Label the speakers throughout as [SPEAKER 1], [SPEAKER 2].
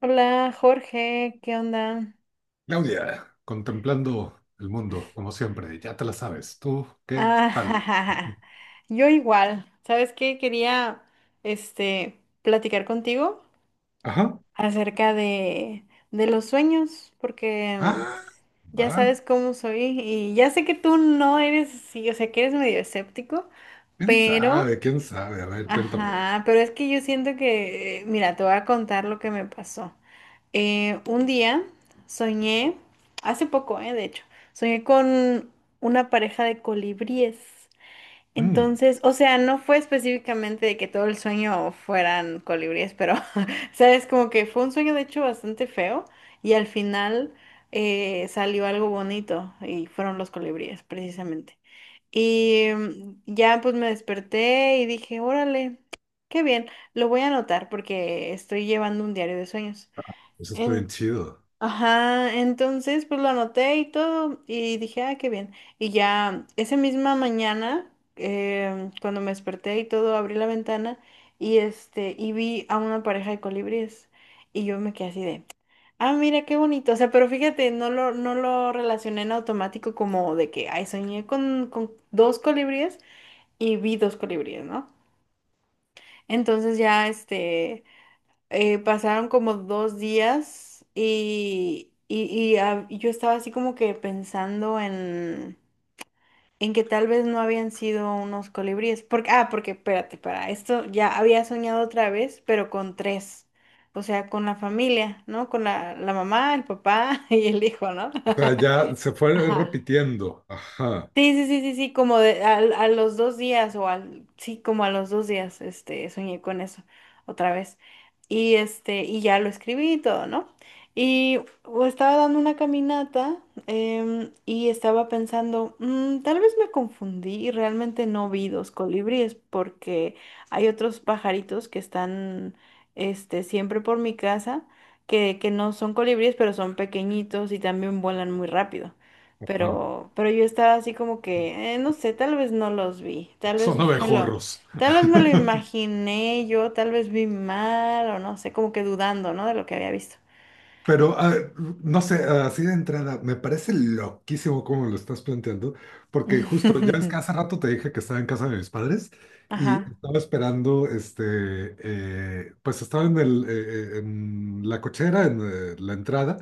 [SPEAKER 1] Hola Jorge, ¿qué onda?
[SPEAKER 2] Claudia, contemplando el mundo, como siempre, ya te la sabes. ¿Tú qué
[SPEAKER 1] Ah,
[SPEAKER 2] tal?
[SPEAKER 1] jajaja. Yo igual, ¿sabes qué? Quería platicar contigo
[SPEAKER 2] Ajá.
[SPEAKER 1] acerca de los sueños, porque
[SPEAKER 2] Ah,
[SPEAKER 1] ya
[SPEAKER 2] va.
[SPEAKER 1] sabes cómo soy y ya sé que tú no eres así, o sea, que eres medio escéptico,
[SPEAKER 2] ¿Quién
[SPEAKER 1] pero,
[SPEAKER 2] sabe? ¿Quién sabe? A ver, cuéntame.
[SPEAKER 1] ajá, pero es que yo siento que, mira, te voy a contar lo que me pasó. Un día soñé, hace poco, de hecho, soñé con una pareja de colibríes.
[SPEAKER 2] Mm,
[SPEAKER 1] Entonces, o sea, no fue específicamente de que todo el sueño fueran colibríes, pero, sabes, como que fue un sueño de hecho bastante feo y al final salió algo bonito y fueron los colibríes, precisamente. Y ya pues me desperté y dije, órale, qué bien, lo voy a anotar porque estoy llevando un diario de sueños.
[SPEAKER 2] Eso está bien
[SPEAKER 1] En-
[SPEAKER 2] chido.
[SPEAKER 1] Ajá, entonces pues lo anoté y todo y dije, ah, qué bien. Y ya esa misma mañana, cuando me desperté y todo, abrí la ventana y vi a una pareja de colibríes y yo me quedé así de, ah, mira, qué bonito. O sea, pero fíjate, no lo relacioné en automático como de que, ay, soñé con dos colibríes y vi dos colibríes, ¿no? Entonces ya pasaron como dos días y yo estaba así como que pensando en que tal vez no habían sido unos colibríes. Porque espérate, para esto ya había soñado otra vez, pero con tres. O sea, con la familia, ¿no? Con la mamá, el papá y el hijo, ¿no?
[SPEAKER 2] O sea, ya se fue
[SPEAKER 1] Ajá.
[SPEAKER 2] repitiendo. Ajá,
[SPEAKER 1] Sí, sí, sí, sí, sí, como de, a los dos días o al, sí, como a los dos días, soñé con eso otra vez. Y y ya lo escribí y todo, ¿no? Y o estaba dando una caminata y estaba pensando: tal vez me confundí y realmente no vi dos colibríes porque hay otros pajaritos que están, siempre por mi casa que no son colibríes, pero son pequeñitos y también vuelan muy rápido.
[SPEAKER 2] ajá.
[SPEAKER 1] Pero yo estaba así como que, no sé, tal vez no los vi,
[SPEAKER 2] Son abejorros.
[SPEAKER 1] tal vez me lo imaginé yo, tal vez vi mal o no sé, como que dudando, ¿no? De lo que había visto.
[SPEAKER 2] Pero, ah, no sé, así de entrada, me parece loquísimo cómo lo estás planteando, porque justo, ya ves que hace rato te dije que estaba en casa de mis padres y
[SPEAKER 1] Ajá.
[SPEAKER 2] estaba esperando, este, pues estaba en la cochera, en la entrada,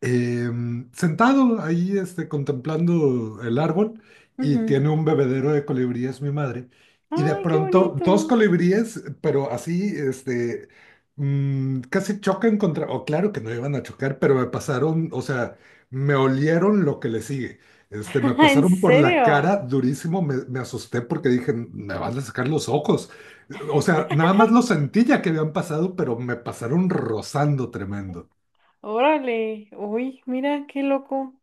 [SPEAKER 2] sentado ahí este, contemplando el árbol y
[SPEAKER 1] Ujú.
[SPEAKER 2] tiene un bebedero de colibríes mi madre. Y de
[SPEAKER 1] Ay, qué
[SPEAKER 2] pronto dos
[SPEAKER 1] bonito.
[SPEAKER 2] colibríes, pero así, este, casi chocan contra, o claro que no iban a chocar, pero me pasaron, o sea, me olieron lo que le sigue. Este, me
[SPEAKER 1] ¿En
[SPEAKER 2] pasaron por la
[SPEAKER 1] serio?
[SPEAKER 2] cara durísimo, me asusté porque dije, me van a sacar los ojos. O sea, nada más lo sentí ya que habían pasado, pero me pasaron rozando tremendo.
[SPEAKER 1] Órale. Uy, mira, qué loco.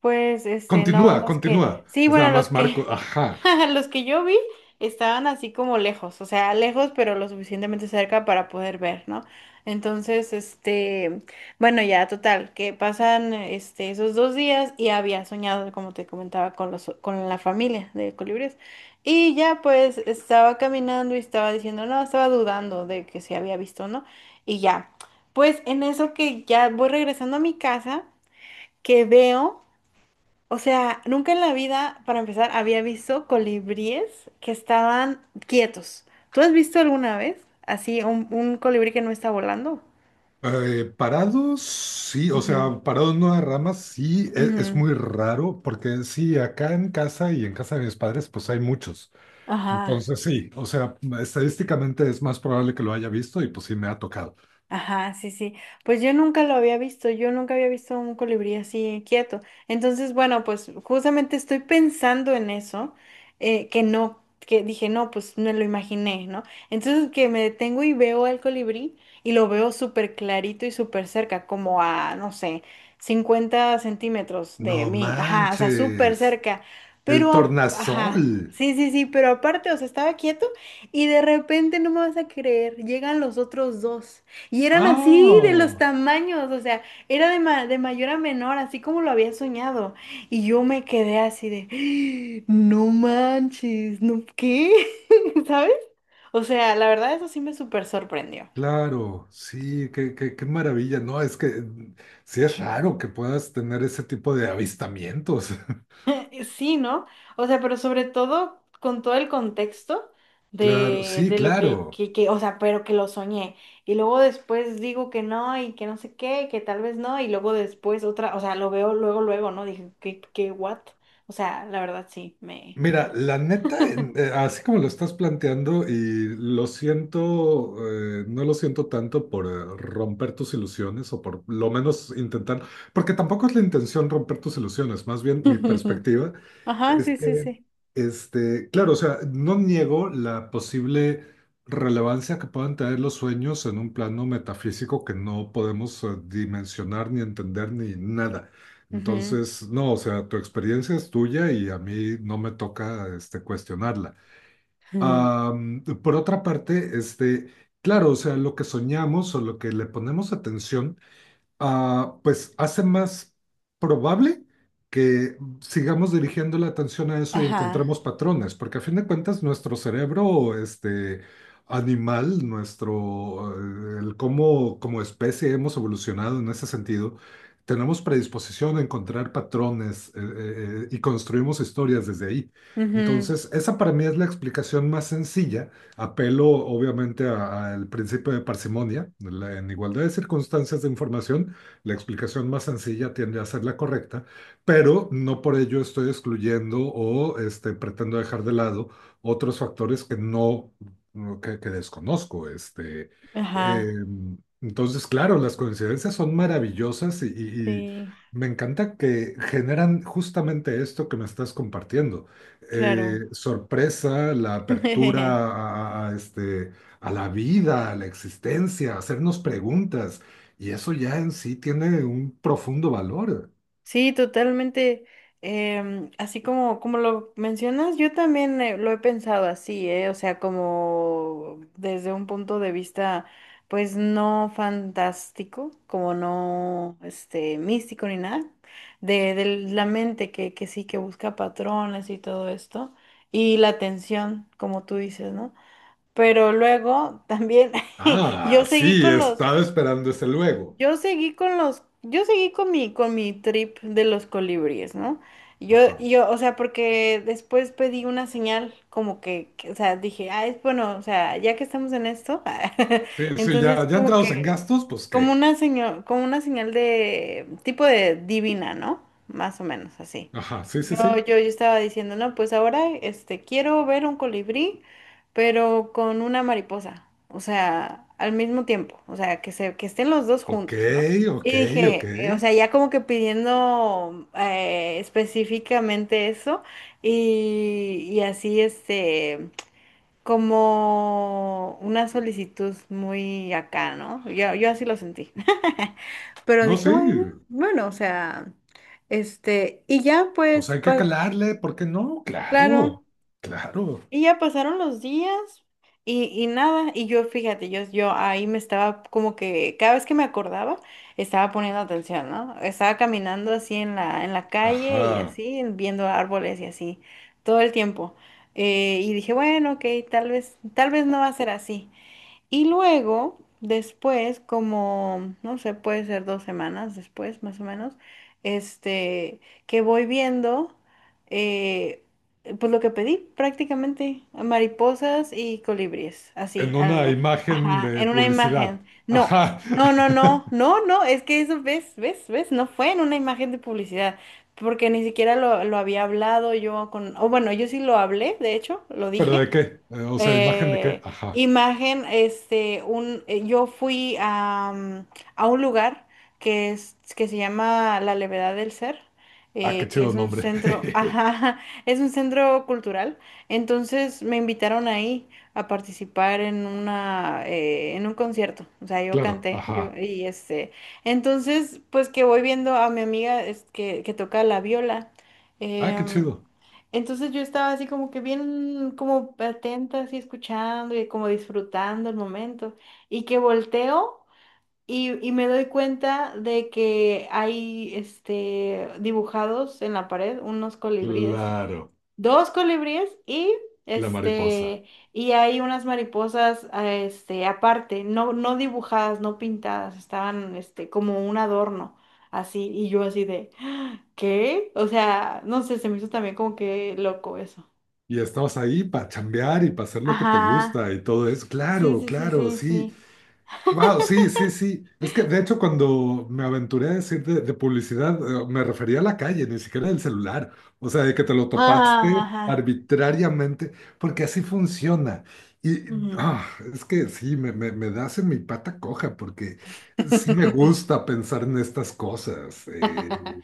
[SPEAKER 1] Pues, no,
[SPEAKER 2] Continúa,
[SPEAKER 1] los que,
[SPEAKER 2] continúa.
[SPEAKER 1] sí,
[SPEAKER 2] Es nada
[SPEAKER 1] bueno, los
[SPEAKER 2] más
[SPEAKER 1] que
[SPEAKER 2] Marco. Ajá.
[SPEAKER 1] los que yo vi estaban así como lejos, o sea, lejos pero lo suficientemente cerca para poder ver, ¿no? Entonces, bueno, ya total, que pasan esos dos días y había soñado, como te comentaba, con los con la familia de colibríes. Y ya pues estaba caminando y estaba diciendo, no, estaba dudando de que se había visto, ¿no? Y ya. Pues en eso que ya voy regresando a mi casa, que veo, o sea, nunca en la vida, para empezar, había visto colibríes que estaban quietos. ¿Tú has visto alguna vez así un colibrí que no está volando?
[SPEAKER 2] Parados, sí. O
[SPEAKER 1] Ujú.
[SPEAKER 2] sea, parados en ramas, ramas, sí. Es,
[SPEAKER 1] Ujú.
[SPEAKER 2] muy raro porque sí, acá en casa y en casa de mis padres, pues hay muchos.
[SPEAKER 1] Ajá.
[SPEAKER 2] Entonces sí, o sea, estadísticamente es más probable que lo haya visto y pues sí me ha tocado.
[SPEAKER 1] Ajá, sí, sí. Pues yo nunca lo había visto, yo nunca había visto un colibrí así quieto. Entonces, bueno, pues justamente estoy pensando en eso, que no, que dije, no, pues me lo imaginé, ¿no? Entonces que me detengo y veo al colibrí y lo veo súper clarito y súper cerca, como a, no sé, 50 cm de
[SPEAKER 2] No
[SPEAKER 1] mí, ajá, o sea, súper
[SPEAKER 2] manches.
[SPEAKER 1] cerca.
[SPEAKER 2] El
[SPEAKER 1] Pero,
[SPEAKER 2] tornasol.
[SPEAKER 1] ajá, sí, sí, sí, pero aparte, o sea, estaba quieto y de repente, no me vas a creer, llegan los otros dos. Y eran así de los
[SPEAKER 2] Ah,
[SPEAKER 1] tamaños, o sea, era de, de mayor a menor, así como lo había soñado. Y yo me quedé así de, no manches, no, ¿qué? ¿Sabes? O sea, la verdad eso sí me súper sorprendió.
[SPEAKER 2] claro. Sí, qué, qué, qué maravilla. No, es que sí es raro que puedas tener ese tipo de avistamientos.
[SPEAKER 1] Sí, ¿no? O sea, pero sobre todo con todo el contexto
[SPEAKER 2] Claro,
[SPEAKER 1] de,
[SPEAKER 2] sí,
[SPEAKER 1] de lo
[SPEAKER 2] claro.
[SPEAKER 1] o sea, pero que lo soñé. Y luego después digo que no y que no sé qué, que tal vez no. Y luego después otra, o sea, lo veo luego, luego, ¿no? Dije, ¿qué, qué, what? O sea, la verdad sí, me...
[SPEAKER 2] Mira, la neta, así como lo estás planteando, y lo siento, no lo siento tanto por romper tus ilusiones o por lo menos intentar, porque tampoco es la intención romper tus ilusiones, más bien mi perspectiva
[SPEAKER 1] Ajá,
[SPEAKER 2] es
[SPEAKER 1] sí, sí,
[SPEAKER 2] que,
[SPEAKER 1] sí.
[SPEAKER 2] este, claro, o sea, no niego la posible relevancia que puedan tener los sueños en un plano metafísico que no podemos dimensionar ni entender ni nada.
[SPEAKER 1] Ujú.
[SPEAKER 2] Entonces, no, o sea, tu experiencia es tuya y a mí no me toca este, cuestionarla.
[SPEAKER 1] Ujú.
[SPEAKER 2] Por otra parte, este, claro, o sea, lo que soñamos o lo que le ponemos atención ah, pues hace más probable que sigamos dirigiendo la atención a eso y
[SPEAKER 1] Ajá.
[SPEAKER 2] encontremos patrones, porque a fin de cuentas nuestro cerebro, este animal, nuestro, el cómo como especie hemos evolucionado en ese sentido, tenemos predisposición a encontrar patrones y construimos historias desde ahí.
[SPEAKER 1] Ujú.
[SPEAKER 2] Entonces, esa para mí es la explicación más sencilla. Apelo obviamente al principio de parsimonia, en igualdad de circunstancias de información la explicación más sencilla tiende a ser la correcta, pero no por ello estoy excluyendo o este, pretendo dejar de lado otros factores que no, que desconozco. Este, eh,
[SPEAKER 1] Ajá.
[SPEAKER 2] entonces, claro, las coincidencias son maravillosas y
[SPEAKER 1] Sí,
[SPEAKER 2] me encanta que generan justamente esto que me estás compartiendo.
[SPEAKER 1] claro.
[SPEAKER 2] Sorpresa, la apertura a, este, a la vida, a la existencia, hacernos preguntas. Y eso ya en sí tiene un profundo valor.
[SPEAKER 1] Sí, totalmente. Así como lo mencionas, yo también lo he pensado así, ¿eh? O sea, como desde un punto de vista, pues no fantástico, como no, místico ni nada, de la mente que sí, que busca patrones y todo esto, y la atención, como tú dices, ¿no? Pero luego también.
[SPEAKER 2] Ah,
[SPEAKER 1] Yo seguí
[SPEAKER 2] sí,
[SPEAKER 1] con los...
[SPEAKER 2] estaba esperando ese luego.
[SPEAKER 1] Yo seguí con los, yo seguí con mi, trip de los colibríes, ¿no? Yo,
[SPEAKER 2] Ajá.
[SPEAKER 1] yo, o sea, porque después pedí una señal como o sea, dije, ah, es bueno, o sea, ya que estamos en esto,
[SPEAKER 2] Sí, sí,
[SPEAKER 1] entonces
[SPEAKER 2] ya, ya
[SPEAKER 1] como
[SPEAKER 2] entrados en
[SPEAKER 1] que,
[SPEAKER 2] gastos, pues qué.
[SPEAKER 1] como una señal de tipo de divina, ¿no? Más o menos así.
[SPEAKER 2] Ajá, sí, sí,
[SPEAKER 1] Yo, yo,
[SPEAKER 2] sí.
[SPEAKER 1] yo estaba diciendo, no, pues ahora, quiero ver un colibrí pero con una mariposa, o sea, al mismo tiempo, o sea, que estén los dos
[SPEAKER 2] Ok,
[SPEAKER 1] juntos, ¿no? Y
[SPEAKER 2] ok, ok.
[SPEAKER 1] dije, o sea, ya como que pidiendo específicamente eso y así, como una solicitud muy acá, ¿no? Yo así lo sentí. Pero
[SPEAKER 2] No,
[SPEAKER 1] dije,
[SPEAKER 2] sí,
[SPEAKER 1] bueno, bueno, o sea, y ya
[SPEAKER 2] pues
[SPEAKER 1] pues,
[SPEAKER 2] hay que calarle, ¿por qué no?
[SPEAKER 1] claro.
[SPEAKER 2] Claro, claro.
[SPEAKER 1] Y ya pasaron los días y nada, y yo fíjate, yo ahí me estaba como que cada vez que me acordaba, estaba poniendo atención, ¿no? Estaba caminando así en la calle y
[SPEAKER 2] Ajá.
[SPEAKER 1] así, viendo árboles y así, todo el tiempo. Y dije, bueno, ok, tal vez no va a ser así. Y luego, después, como, no sé, puede ser dos semanas después, más o menos, este, que voy viendo, eh, pues lo que pedí prácticamente, mariposas y colibríes, así,
[SPEAKER 2] En una
[SPEAKER 1] al
[SPEAKER 2] imagen
[SPEAKER 1] ajá,
[SPEAKER 2] de
[SPEAKER 1] en una
[SPEAKER 2] publicidad.
[SPEAKER 1] imagen. No,
[SPEAKER 2] Ajá.
[SPEAKER 1] no, no, no, no, no, es que eso, ves, ves, ves, no fue en una imagen de publicidad. Porque ni siquiera lo había hablado yo con, o bueno, yo sí lo hablé, de hecho, lo
[SPEAKER 2] ¿Pero
[SPEAKER 1] dije,
[SPEAKER 2] de qué? O sea, ¿imagen de qué?
[SPEAKER 1] eh,
[SPEAKER 2] Ajá.
[SPEAKER 1] imagen, yo fui a, a un lugar que se llama La Levedad del Ser,
[SPEAKER 2] Ah, qué
[SPEAKER 1] que
[SPEAKER 2] chido
[SPEAKER 1] es un
[SPEAKER 2] nombre.
[SPEAKER 1] centro, ajá, es un centro cultural. Entonces me invitaron ahí a participar en en un concierto. O sea, yo
[SPEAKER 2] Claro,
[SPEAKER 1] canté,
[SPEAKER 2] ajá.
[SPEAKER 1] entonces, pues que voy viendo a mi amiga es que toca la viola.
[SPEAKER 2] Ah, qué
[SPEAKER 1] em,
[SPEAKER 2] chido.
[SPEAKER 1] entonces yo estaba así como que bien, como atenta, así escuchando y como disfrutando el momento. Y que volteo y me doy cuenta de que hay dibujados en la pared unos colibríes,
[SPEAKER 2] Claro,
[SPEAKER 1] dos colibríes
[SPEAKER 2] la mariposa.
[SPEAKER 1] este y hay unas mariposas, ah, aparte, no dibujadas, no pintadas, estaban como un adorno, así, y yo así de "Ah, ¿qué? O sea, no sé, se me hizo también como que loco eso".
[SPEAKER 2] Y estabas ahí para chambear y para hacer lo que te
[SPEAKER 1] Ajá.
[SPEAKER 2] gusta y todo eso.
[SPEAKER 1] Sí,
[SPEAKER 2] Claro,
[SPEAKER 1] sí, sí,
[SPEAKER 2] claro,
[SPEAKER 1] sí,
[SPEAKER 2] sí.
[SPEAKER 1] sí.
[SPEAKER 2] Wow, sí, sí, sí. Es que de hecho cuando me aventuré a decir de publicidad, me refería a la calle, ni siquiera del celular. O sea, de que te lo
[SPEAKER 1] Ah,
[SPEAKER 2] topaste
[SPEAKER 1] ajá.
[SPEAKER 2] arbitrariamente, porque así funciona. Y
[SPEAKER 1] Ujú.
[SPEAKER 2] ah, es que sí, me das en mi pata coja, porque sí me gusta pensar en estas cosas.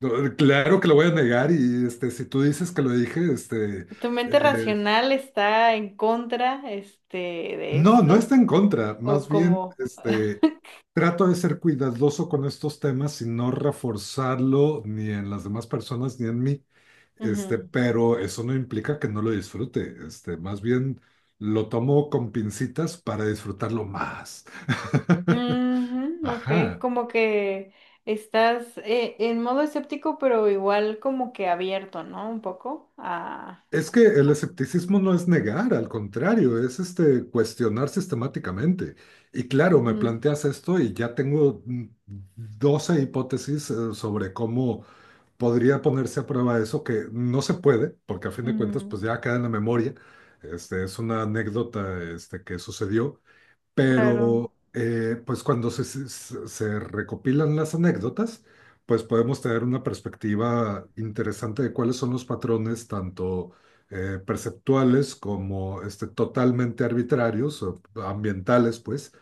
[SPEAKER 2] No, claro que lo voy a negar y este, si tú dices que lo dije, este,
[SPEAKER 1] ¿Tu mente
[SPEAKER 2] eh,
[SPEAKER 1] racional está en contra de
[SPEAKER 2] no, no
[SPEAKER 1] esto
[SPEAKER 2] está en contra,
[SPEAKER 1] o
[SPEAKER 2] más bien
[SPEAKER 1] como?
[SPEAKER 2] este, trato de ser cuidadoso con estos temas y no reforzarlo ni en las demás personas ni en mí, este, pero eso no implica que no lo disfrute, este, más bien lo tomo con pincitas para disfrutarlo más.
[SPEAKER 1] Ujú, ok,
[SPEAKER 2] Ajá.
[SPEAKER 1] como que estás en modo escéptico, pero igual como que abierto, ¿no? Un poco a...
[SPEAKER 2] Es que el escepticismo no es negar, al contrario, es este cuestionar sistemáticamente. Y claro, me
[SPEAKER 1] Ujú,
[SPEAKER 2] planteas esto y ya tengo 12 hipótesis sobre cómo podría ponerse a prueba eso, que no se puede, porque a fin de cuentas pues
[SPEAKER 1] mm,
[SPEAKER 2] ya queda en la memoria. Este, es una anécdota este, que sucedió,
[SPEAKER 1] claro,
[SPEAKER 2] pero pues cuando se recopilan las anécdotas, pues podemos tener una perspectiva interesante de cuáles son los patrones, tanto perceptuales como este, totalmente arbitrarios o ambientales, pues,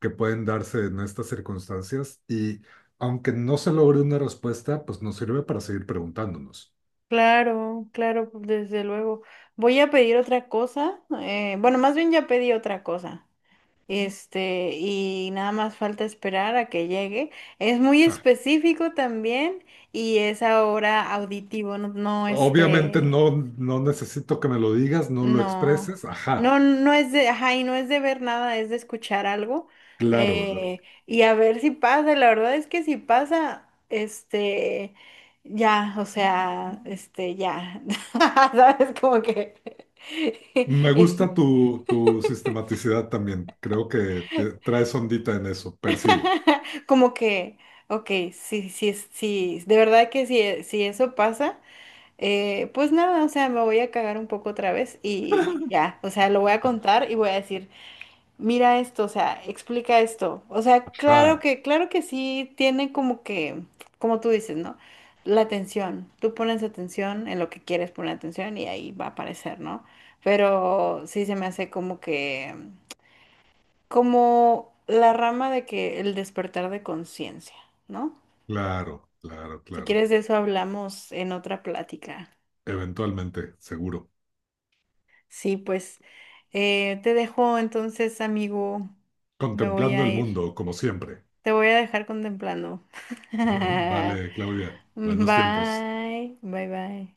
[SPEAKER 2] que pueden darse en estas circunstancias. Y aunque no se logre una respuesta, pues nos sirve para seguir preguntándonos.
[SPEAKER 1] claro, claro, pues, desde luego. Voy a pedir otra cosa, bueno, más bien ya pedí otra cosa, y nada más falta esperar a que llegue. Es muy
[SPEAKER 2] Ah,
[SPEAKER 1] específico también y es ahora auditivo, no, no
[SPEAKER 2] obviamente no, no necesito que me lo digas, no lo
[SPEAKER 1] No,
[SPEAKER 2] expreses, ajá.
[SPEAKER 1] no, no es de, ajá, y no es de ver nada, es de escuchar algo.
[SPEAKER 2] Claro,
[SPEAKER 1] eh, y a ver si pasa, la verdad es que si pasa, ya, o sea, ya, ¿sabes? Como que,
[SPEAKER 2] me gusta tu sistematicidad también. Creo que traes ondita en eso, percibo.
[SPEAKER 1] como que, ok, sí, sí, sí, de verdad que si eso pasa, pues nada, o sea, me voy a cagar un poco otra vez y ya, o sea, lo voy a contar y voy a decir. Mira esto, o sea, explica esto. O sea, claro
[SPEAKER 2] Ajá,
[SPEAKER 1] que, claro que sí tiene como que, como tú dices, ¿no? La atención. Tú pones atención en lo que quieres poner atención y ahí va a aparecer, ¿no? Pero sí se me hace como que, como la rama de que el despertar de conciencia, ¿no?
[SPEAKER 2] claro, claro,
[SPEAKER 1] Si
[SPEAKER 2] claro.
[SPEAKER 1] quieres de eso hablamos en otra plática.
[SPEAKER 2] Eventualmente, seguro.
[SPEAKER 1] Sí, pues te dejo entonces, amigo. Me voy
[SPEAKER 2] Contemplando
[SPEAKER 1] a
[SPEAKER 2] el
[SPEAKER 1] ir.
[SPEAKER 2] mundo, como siempre.
[SPEAKER 1] Te voy a dejar contemplando.
[SPEAKER 2] Vale, Claudia, buenos tiempos.
[SPEAKER 1] Bye, bye, bye.